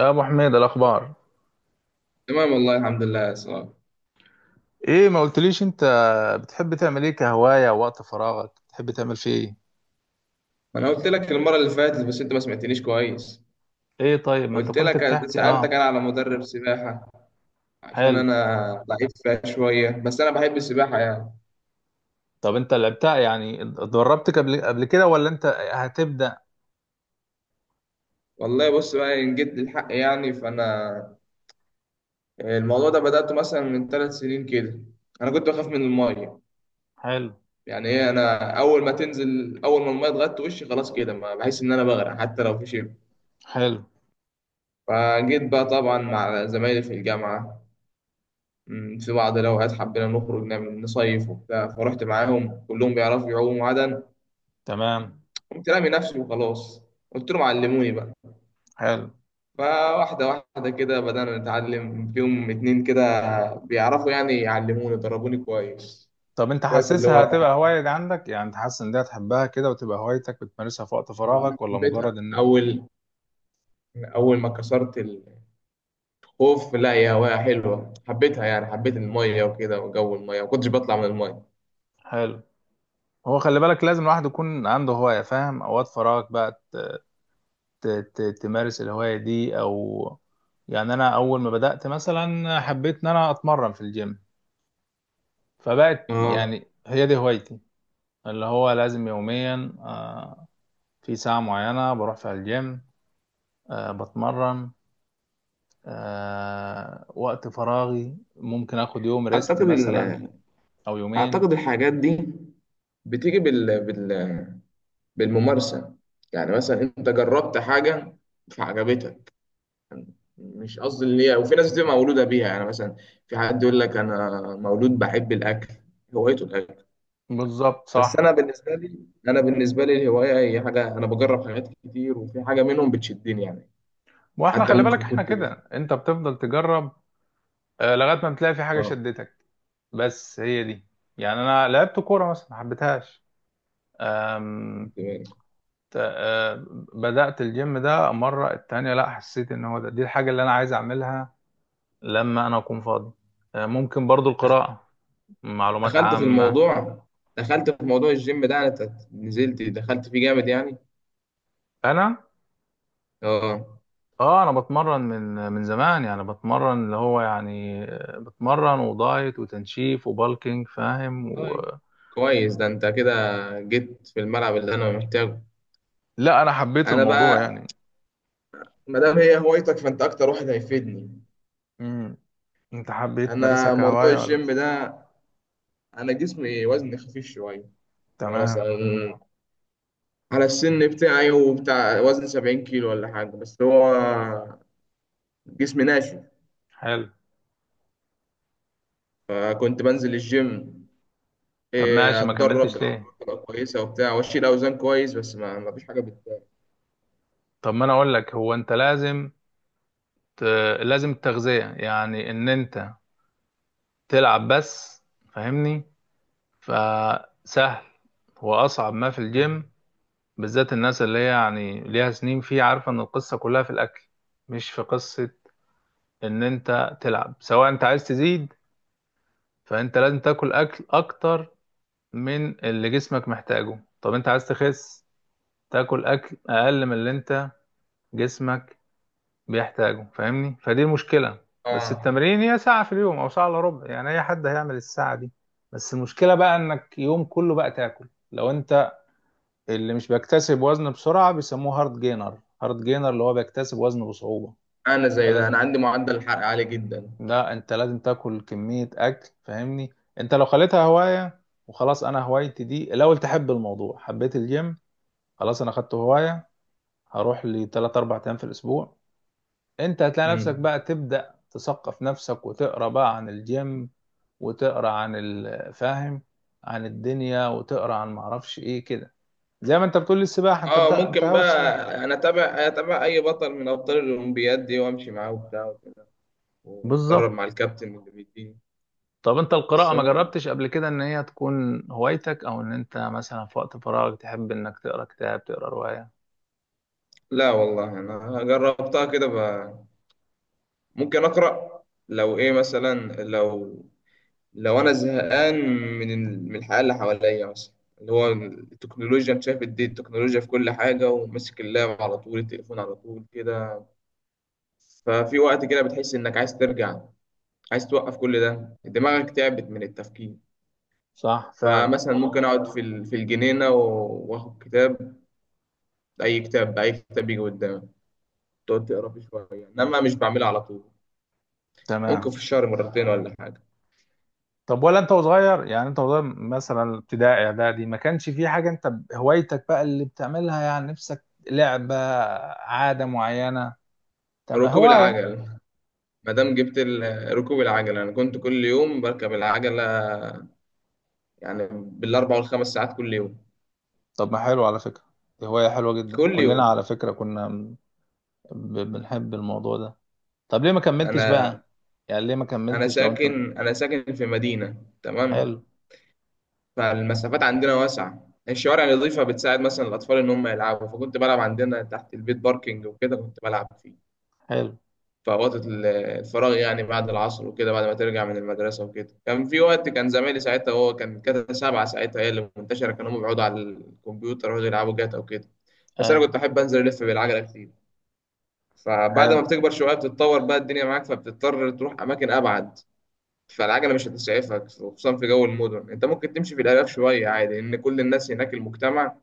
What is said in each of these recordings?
يا ابو حميد، الاخبار تمام، والله الحمد لله يا سلام. ايه؟ ما قلتليش انت بتحب تعمل ايه كهواية؟ وقت فراغك بتحب تعمل فيه ايه؟ ما انا قلت لك المره اللي فاتت بس انت ما سمعتنيش كويس. ايه، طيب ما انت قلت كنت لك بتحكي. سالتك اه. انا على مدرب سباحه عشان حلو. انا ضعيف فيها شويه، بس انا بحب السباحه يعني. طب انت لعبتها يعني، اتدربت قبل كده ولا انت هتبدأ؟ والله بص بقى ان جد الحق يعني، فانا الموضوع ده بداته مثلا من 3 سنين كده. انا كنت بخاف من الميه. حلو. يعني ايه، انا اول ما تنزل، اول ما الميه اتغطت وشي خلاص كده ما بحس ان انا بغرق حتى لو في شيء. حلو. فجيت بقى طبعا مع زمايلي في الجامعه، في بعض الأوقات حبينا نخرج نعمل نصيف وبتاع. فرحت معاهم كلهم بيعرفوا يعوموا عدن. تمام. قمت رامي نفسي وخلاص، قلت لهم علموني بقى. حلو. فواحدة واحدة كده بدأنا نتعلم، فيهم اتنين كده بيعرفوا يعني يعلموني، ضربوني كويس طب مش انت كويس اللي هو حاسسها هتبقى بقى. هواية عندك؟ يعني انت حاسس ان دي هتحبها كده وتبقى هوايتك بتمارسها في وقت أنا فراغك، ولا حبيتها. مجرد ان. أول أول ما كسرت الخوف، لا، يا هواية حلوة، حبيتها يعني، حبيت المية وكده وجو المية، ما كنتش بطلع من المية. حلو. هو خلي بالك لازم الواحد يكون عنده هواية، فاهم؟ أوقات فراغك بقى ت- تمارس الهواية دي او. يعني انا اول ما بدأت مثلا حبيت ان انا اتمرن في الجيم، فبقت اه. يعني هي دي هوايتي، اللي هو لازم يوميا في ساعة معينة بروح فيها الجيم، بتمرن، وقت فراغي ممكن اخد يوم ريست أعتقد ال... مثلا او يومين. أعتقد الحاجات دي بتيجي بالممارسة. يعني مثلا انت جربت حاجة فعجبتك. مش قصدي اللي هي، وفي ناس بتبقى مولودة بيها، يعني مثلا في حد يقول لك انا مولود بحب الاكل، هوايته الاكل. بالظبط، بس صح. انا بالنسبة لي الهواية هي حاجة، انا بجرب حاجات كتير وفي حاجة منهم بتشدني يعني. واحنا حتى خلي بالك ممكن احنا كنت بز... كده، انت بتفضل تجرب لغاية ما بتلاقي في حاجة اه. شدتك، بس هي دي. يعني انا لعبت كورة مثلا ما حبيتهاش، أم- كنت بقى- ت- آه، بدأت الجيم ده مرة التانية، لا حسيت ان هو ده دي الحاجة اللي انا عايز اعملها لما انا اكون فاضي، ممكن برضو القراءة، معلومات دخلت في عامة، الموضوع، دخلت في موضوع الجيم ده. انا نزلت دخلت فيه جامد يعني. انا. اه اه، انا بتمرن من زمان يعني، بتمرن اللي هو يعني، بتمرن ودايت وتنشيف وبالكينج فاهم طيب، كويس ده، انت كده جيت في الملعب اللي انا محتاجه. لا، انا حبيت انا الموضوع بقى يعني. ما دام هي هوايتك فانت اكتر واحد هيفيدني. مم. انت حبيت تمارسها انا موضوع كهواية ولا؟ الجيم ده، انا جسمي وزني خفيف شويه. يعني تمام. مثلا على السن بتاعي وبتاع وزن 70 كيلو ولا حاجه، بس هو جسمي ناشف. حلو. فكنت بنزل الجيم، طب ماشي، ما اتدرب كملتش ليه؟ بالعضلات تبقى كويسه وبتاع، واشيل اوزان كويس، بس ما فيش حاجه بت. طب ما انا اقول لك، هو انت لازم، لازم التغذية، يعني ان انت تلعب بس، فاهمني؟ فسهل. هو اصعب ما في الجيم، بالذات الناس اللي هي يعني ليها سنين فيه، عارفة ان القصة كلها في الاكل، مش في قصة ان انت تلعب. سواء انت عايز تزيد فانت لازم تاكل اكل اكتر من اللي جسمك محتاجه، طب انت عايز تخس تاكل اكل اقل من اللي انت جسمك بيحتاجوا، فاهمني؟ فدي المشكلة. بس اه، التمرين هي ساعة في اليوم أو ساعة إلا ربع، يعني أي حد هيعمل الساعة دي. بس المشكلة بقى إنك يوم كله بقى تاكل. لو أنت اللي مش بيكتسب وزن بسرعة بيسموه هارد جينر، هارد جينر اللي هو بيكتسب وزن بصعوبة، انا زي ده، فلازم. انا عندي معدل الحرق عالي جدا. لا، أنت لازم تاكل كمية أكل، فاهمني؟ أنت لو خليتها هواية وخلاص، أنا هوايتي دي الأول، تحب الموضوع، حبيت الجيم، خلاص أنا خدته هواية، هروح لي 3 4 أيام في الأسبوع. انت هتلاقي نفسك مم. بقى تبدأ تثقف نفسك وتقرا بقى عن الجيم، وتقرا عن الفاهم، عن الدنيا، وتقرا عن معرفش ايه كده. زي ما انت بتقول لي السباحة، انت اه انت ممكن هاوي بقى، السباحة. انا اتابع اي بطل من ابطال الاولمبياد دي وامشي معاه وبتاع وكده، واتدرب بالظبط. مع الكابتن واللي بيديني. طب انت القراءة بس ما ما- جربتش قبل كده ان هي تكون هوايتك، او ان انت مثلا في وقت فراغك تحب انك تقرا كتاب تقرا رواية؟ لا والله انا جربتها كده بقى. ممكن اقرا لو ايه، مثلا لو انا زهقان من من الحياه اللي حواليا مثلا، اللي هو التكنولوجيا. انت شايف دي التكنولوجيا في كل حاجه، وماسك اللاب على طول، التليفون على طول كده. ففي وقت كده بتحس انك عايز ترجع، عايز توقف كل ده، دماغك تعبت من التفكير. صح، فعلا. فمثلا ممكن اقعد في في الجنينه، واخد كتاب، اي كتاب يجي قدامي، تقعد تقرا فيه شويه، انما مش بعملها على طول. تمام. ممكن في الشهر مرتين ولا حاجه. طب ولا انت وصغير؟ يعني انت وصغير مثلا ابتدائي اعدادي ما كانش في حاجه انت هوايتك بقى اللي بتعملها، يعني نفسك، لعبه، عاده معينه، تم ركوب هوايه. العجل، ما دام جبت ركوب العجل، انا كنت كل يوم بركب العجله يعني بال4 و5 ساعات كل يوم، طب ما حلو على فكره، دي هوايه حلوه جدا، كل كلنا يوم. على فكره كنا بنحب الموضوع ده. طب ليه ما كملتش انا بقى؟ يعني ليه ما انا كملتش لو انت. ساكن، انا ساكن في مدينه تمام، حلو. فالمسافات عندنا واسعه، الشوارع النظيفة بتساعد مثلا الأطفال إن هم يلعبوا. فكنت بلعب عندنا تحت البيت باركينج وكده، كنت بلعب فيه حلو. في أوقات الفراغ يعني بعد العصر وكده، بعد ما ترجع من المدرسة وكده. كان في وقت كان زمايلي ساعتها، هو كان جاتا سبعة ساعتها هي اللي منتشرة، كانوا هم بيقعدوا على الكمبيوتر ويقعدوا يلعبوا جاتا وكده، بس أنا ايوه. كنت أحب أنزل ألف بالعجلة كتير. فبعد حلو. ما بتكبر شوية بتتطور بقى الدنيا معاك، فبتضطر تروح أماكن أبعد. فالعجلة مش هتسعفك خصوصا في جو المدن، أنت ممكن تمشي في الآلاف شوية عادي، لأن كل الناس هناك المجتمع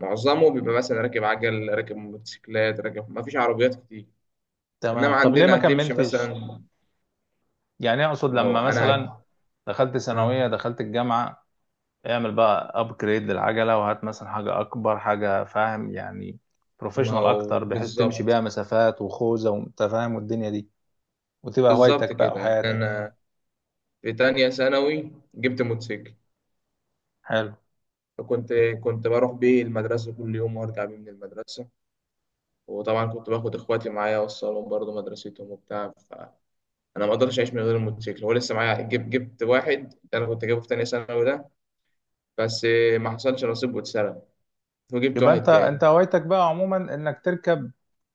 معظمه بيبقى مثلا راكب عجل، راكب موتوسيكلات، راكب، مفيش عربيات كتير. تمام. إنما طب ليه ما عندنا هتمشي كملتش؟ مثلا. يعني اقصد ما هو لما انا، مثلا دخلت ثانويه، اه، دخلت الجامعه، اعمل بقى ابجريد للعجله، وهات مثلا حاجه اكبر، حاجه فاهم يعني، ما بروفيشنال هو اكتر، بحيث تمشي بيها بالظبط. مسافات وخوذه وانت فاهم والدنيا دي، وتبقى بالظبط هوايتك بقى كده يعني، وحياتك. انا في تانية ثانوي جبت موتوسيكل. حلو. فكنت بروح بيه المدرسة كل يوم وارجع بيه من المدرسة. وطبعا كنت باخد اخواتي معايا اوصلهم برضه مدرستهم وبتاع، فانا ما اقدرش اعيش من غير الموتوسيكل. هو لسه معايا، جبت واحد ده انا كنت جايبه في تانية ثانوي ده، بس ما حصلش نصيب واتسرق، فجبت يبقى واحد انت تاني. انت هوايتك بقى عموما انك تركب.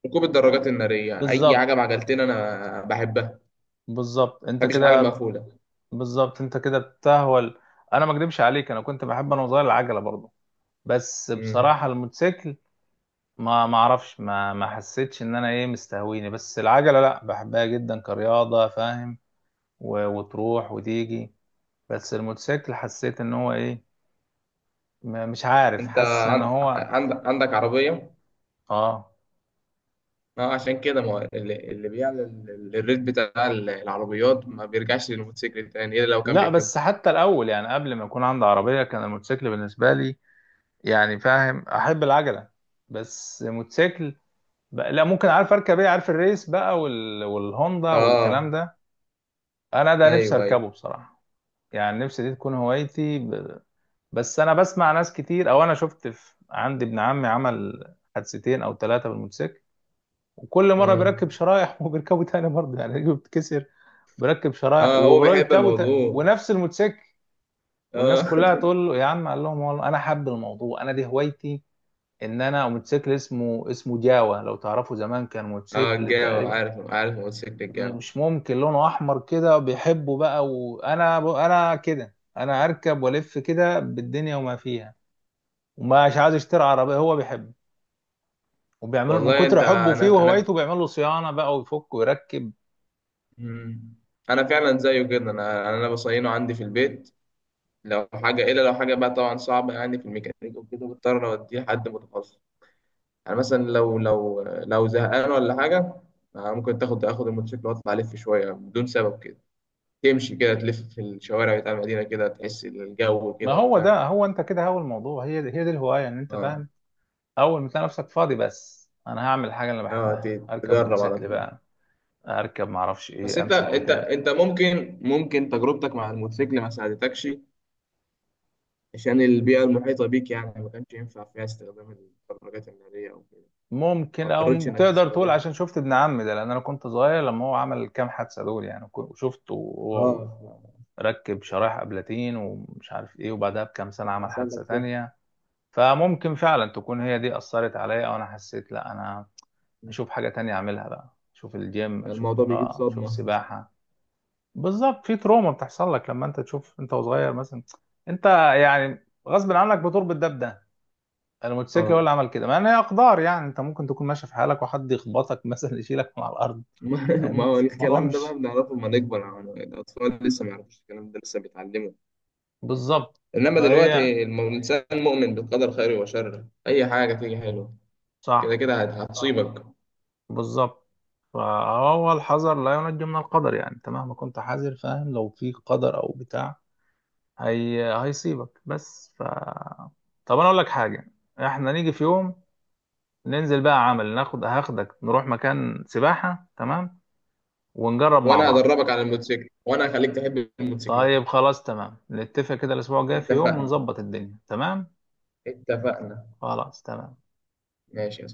ركوب الدراجات النارية، اي بالظبط. حاجة بعجلتين انا بحبها، ما بالظبط انت بحبش الحاجة كده. المقفولة. بالظبط انت كده بتهول. انا ما اكدبش عليك، انا كنت بحب انا صغير العجله برضه، بس مم. بصراحه الموتوسيكل ما اعرفش، ما حسيتش ان انا ايه مستهويني، بس العجله لا، بحبها جدا كرياضه، فاهم؟ وتروح وتيجي. بس الموتوسيكل حسيت ان هو ايه، مش عارف، انت حاسس ان هو. عندك عربية؟ اه. ما هو عشان كده. ما هو اللي، اللي بيعلى الريت بتاع العربيات ما بيرجعش للموتوسيكل تاني الا لو كان لا بيحبه. بس حتى الاول، يعني قبل ما يكون عندي عربية كان الموتوسيكل بالنسبة لي يعني فاهم، احب العجلة، بس موتوسيكل بقى لا، ممكن عارف اركب ايه، عارف الريس بقى والهوندا والكلام اه، ده. انا ده نفسي ايوه، ايوه. اركبه بصراحة، يعني نفسي دي تكون هوايتي بس انا بسمع ناس كتير، او انا شفت عندي ابن عمي عمل حادثتين او ثلاثة بالموتوسيكل، وكل مره امم. بيركب شرايح وبيركبه تاني برضه، يعني رجله بتتكسر، بيركب شرايح اه هو بيحب وبيركبه تاني الموضوع. ونفس الموتوسيكل. اه. والناس كلها تقول له يا عم، قال لهم والله انا حب الموضوع، انا دي هوايتي. ان انا موتوسيكل اسمه جاوا، لو تعرفوا زمان كان اه موتوسيكل الجو، تقريبا عارف، عارف موتوسيكل الجو. مش ممكن، لونه احمر كده، بيحبه بقى. وانا كده، انا اركب والف كده بالدنيا وما فيها، ومش عايز يشتري عربيه، هو بيحبه، وبيعمل من والله انت، كتر حبه فيه انا. وهوايته بيعمل له صيانه بقى ويفك ويركب. مم. انا فعلا زيه جدا، انا بصينه عندي في البيت. لو حاجه، الا لو حاجه بقى طبعا صعبه يعني في الميكانيك وكده، بضطر اوديه لحد متخصص. يعني مثلا لو زهقان ولا حاجة. ممكن اخد الموتوسيكل واطلع الف شوية بدون سبب كده، تمشي كده تلف في الشوارع بتاع المدينة كده، تحس الجو ما كده هو وبتاع. ده، هو انت كده هو الموضوع، هي دي الهوايه، ان انت اه. فاهم، اول ما تلاقي نفسك فاضي بس انا هعمل الحاجه اللي اه بحبها، اركب تجرب على موتوسيكل طول. بقى، اركب معرفش بس ايه، انت امسك انت كتاب. انت ممكن تجربتك مع الموتوسيكل ما ساعدتكش عشان البيئة المحيطة بيك يعني، ما كانش ينفع فيها استخدام البرمجات النارية او كده. ما ممكن او اضطرتش انك تقدر تقول تستخدم. عشان شفت ابن عمي ده، لان انا كنت صغير لما هو عمل الكام حادثه دول، يعني وشفته وهو اه، ركب شرايح ابلاتين ومش عارف ايه، وبعدها بكام سنه عمل حصل لك حادثه شوك. تانية، فممكن فعلا تكون هي دي اثرت عليا، او انا حسيت لا، انا اشوف حاجه تانية اعملها بقى، اشوف الجيم، يعني اشوف الموضوع بيجيب قراءه، اشوف صدمة. سباحه. بالظبط، في تروما بتحصل لك لما انت تشوف انت وصغير مثلا، انت يعني غصب عنك بتربط ده بده، الموتوسيكل هو اللي اه. عمل كده، مع ان هي اقدار. يعني انت ممكن تكون ماشي في حالك وحد يخبطك مثلا يشيلك من على الارض، ما ما فاهمني؟ هو الموضوع الكلام ده بقى مش بنعرفه لما نكبر يعني، الأطفال لسه ما يعرفوش الكلام ده، لسه بيتعلموا. بالظبط. إنما فهي، دلوقتي الإنسان مؤمن بالقدر خيره وشره، أي حاجة تيجي حلوة كده صح، كده هتصيبك. بالظبط. فهو الحذر لا ينجي من القدر، يعني انت مهما كنت حذر فاهم لو في قدر او بتاع هي هيصيبك، بس طب انا اقول لك حاجه، احنا نيجي في يوم ننزل بقى عمل، هاخدك نروح مكان سباحة، تمام؟ ونجرب مع وأنا بعض. هدربك على الموتوسيكل، وأنا هخليك تحب طيب الموتوسيكلات. خلاص تمام، نتفق كده الأسبوع الجاي في يوم اتفقنا، ونظبط الدنيا. تمام. اتفقنا. خلاص تمام. ماشي.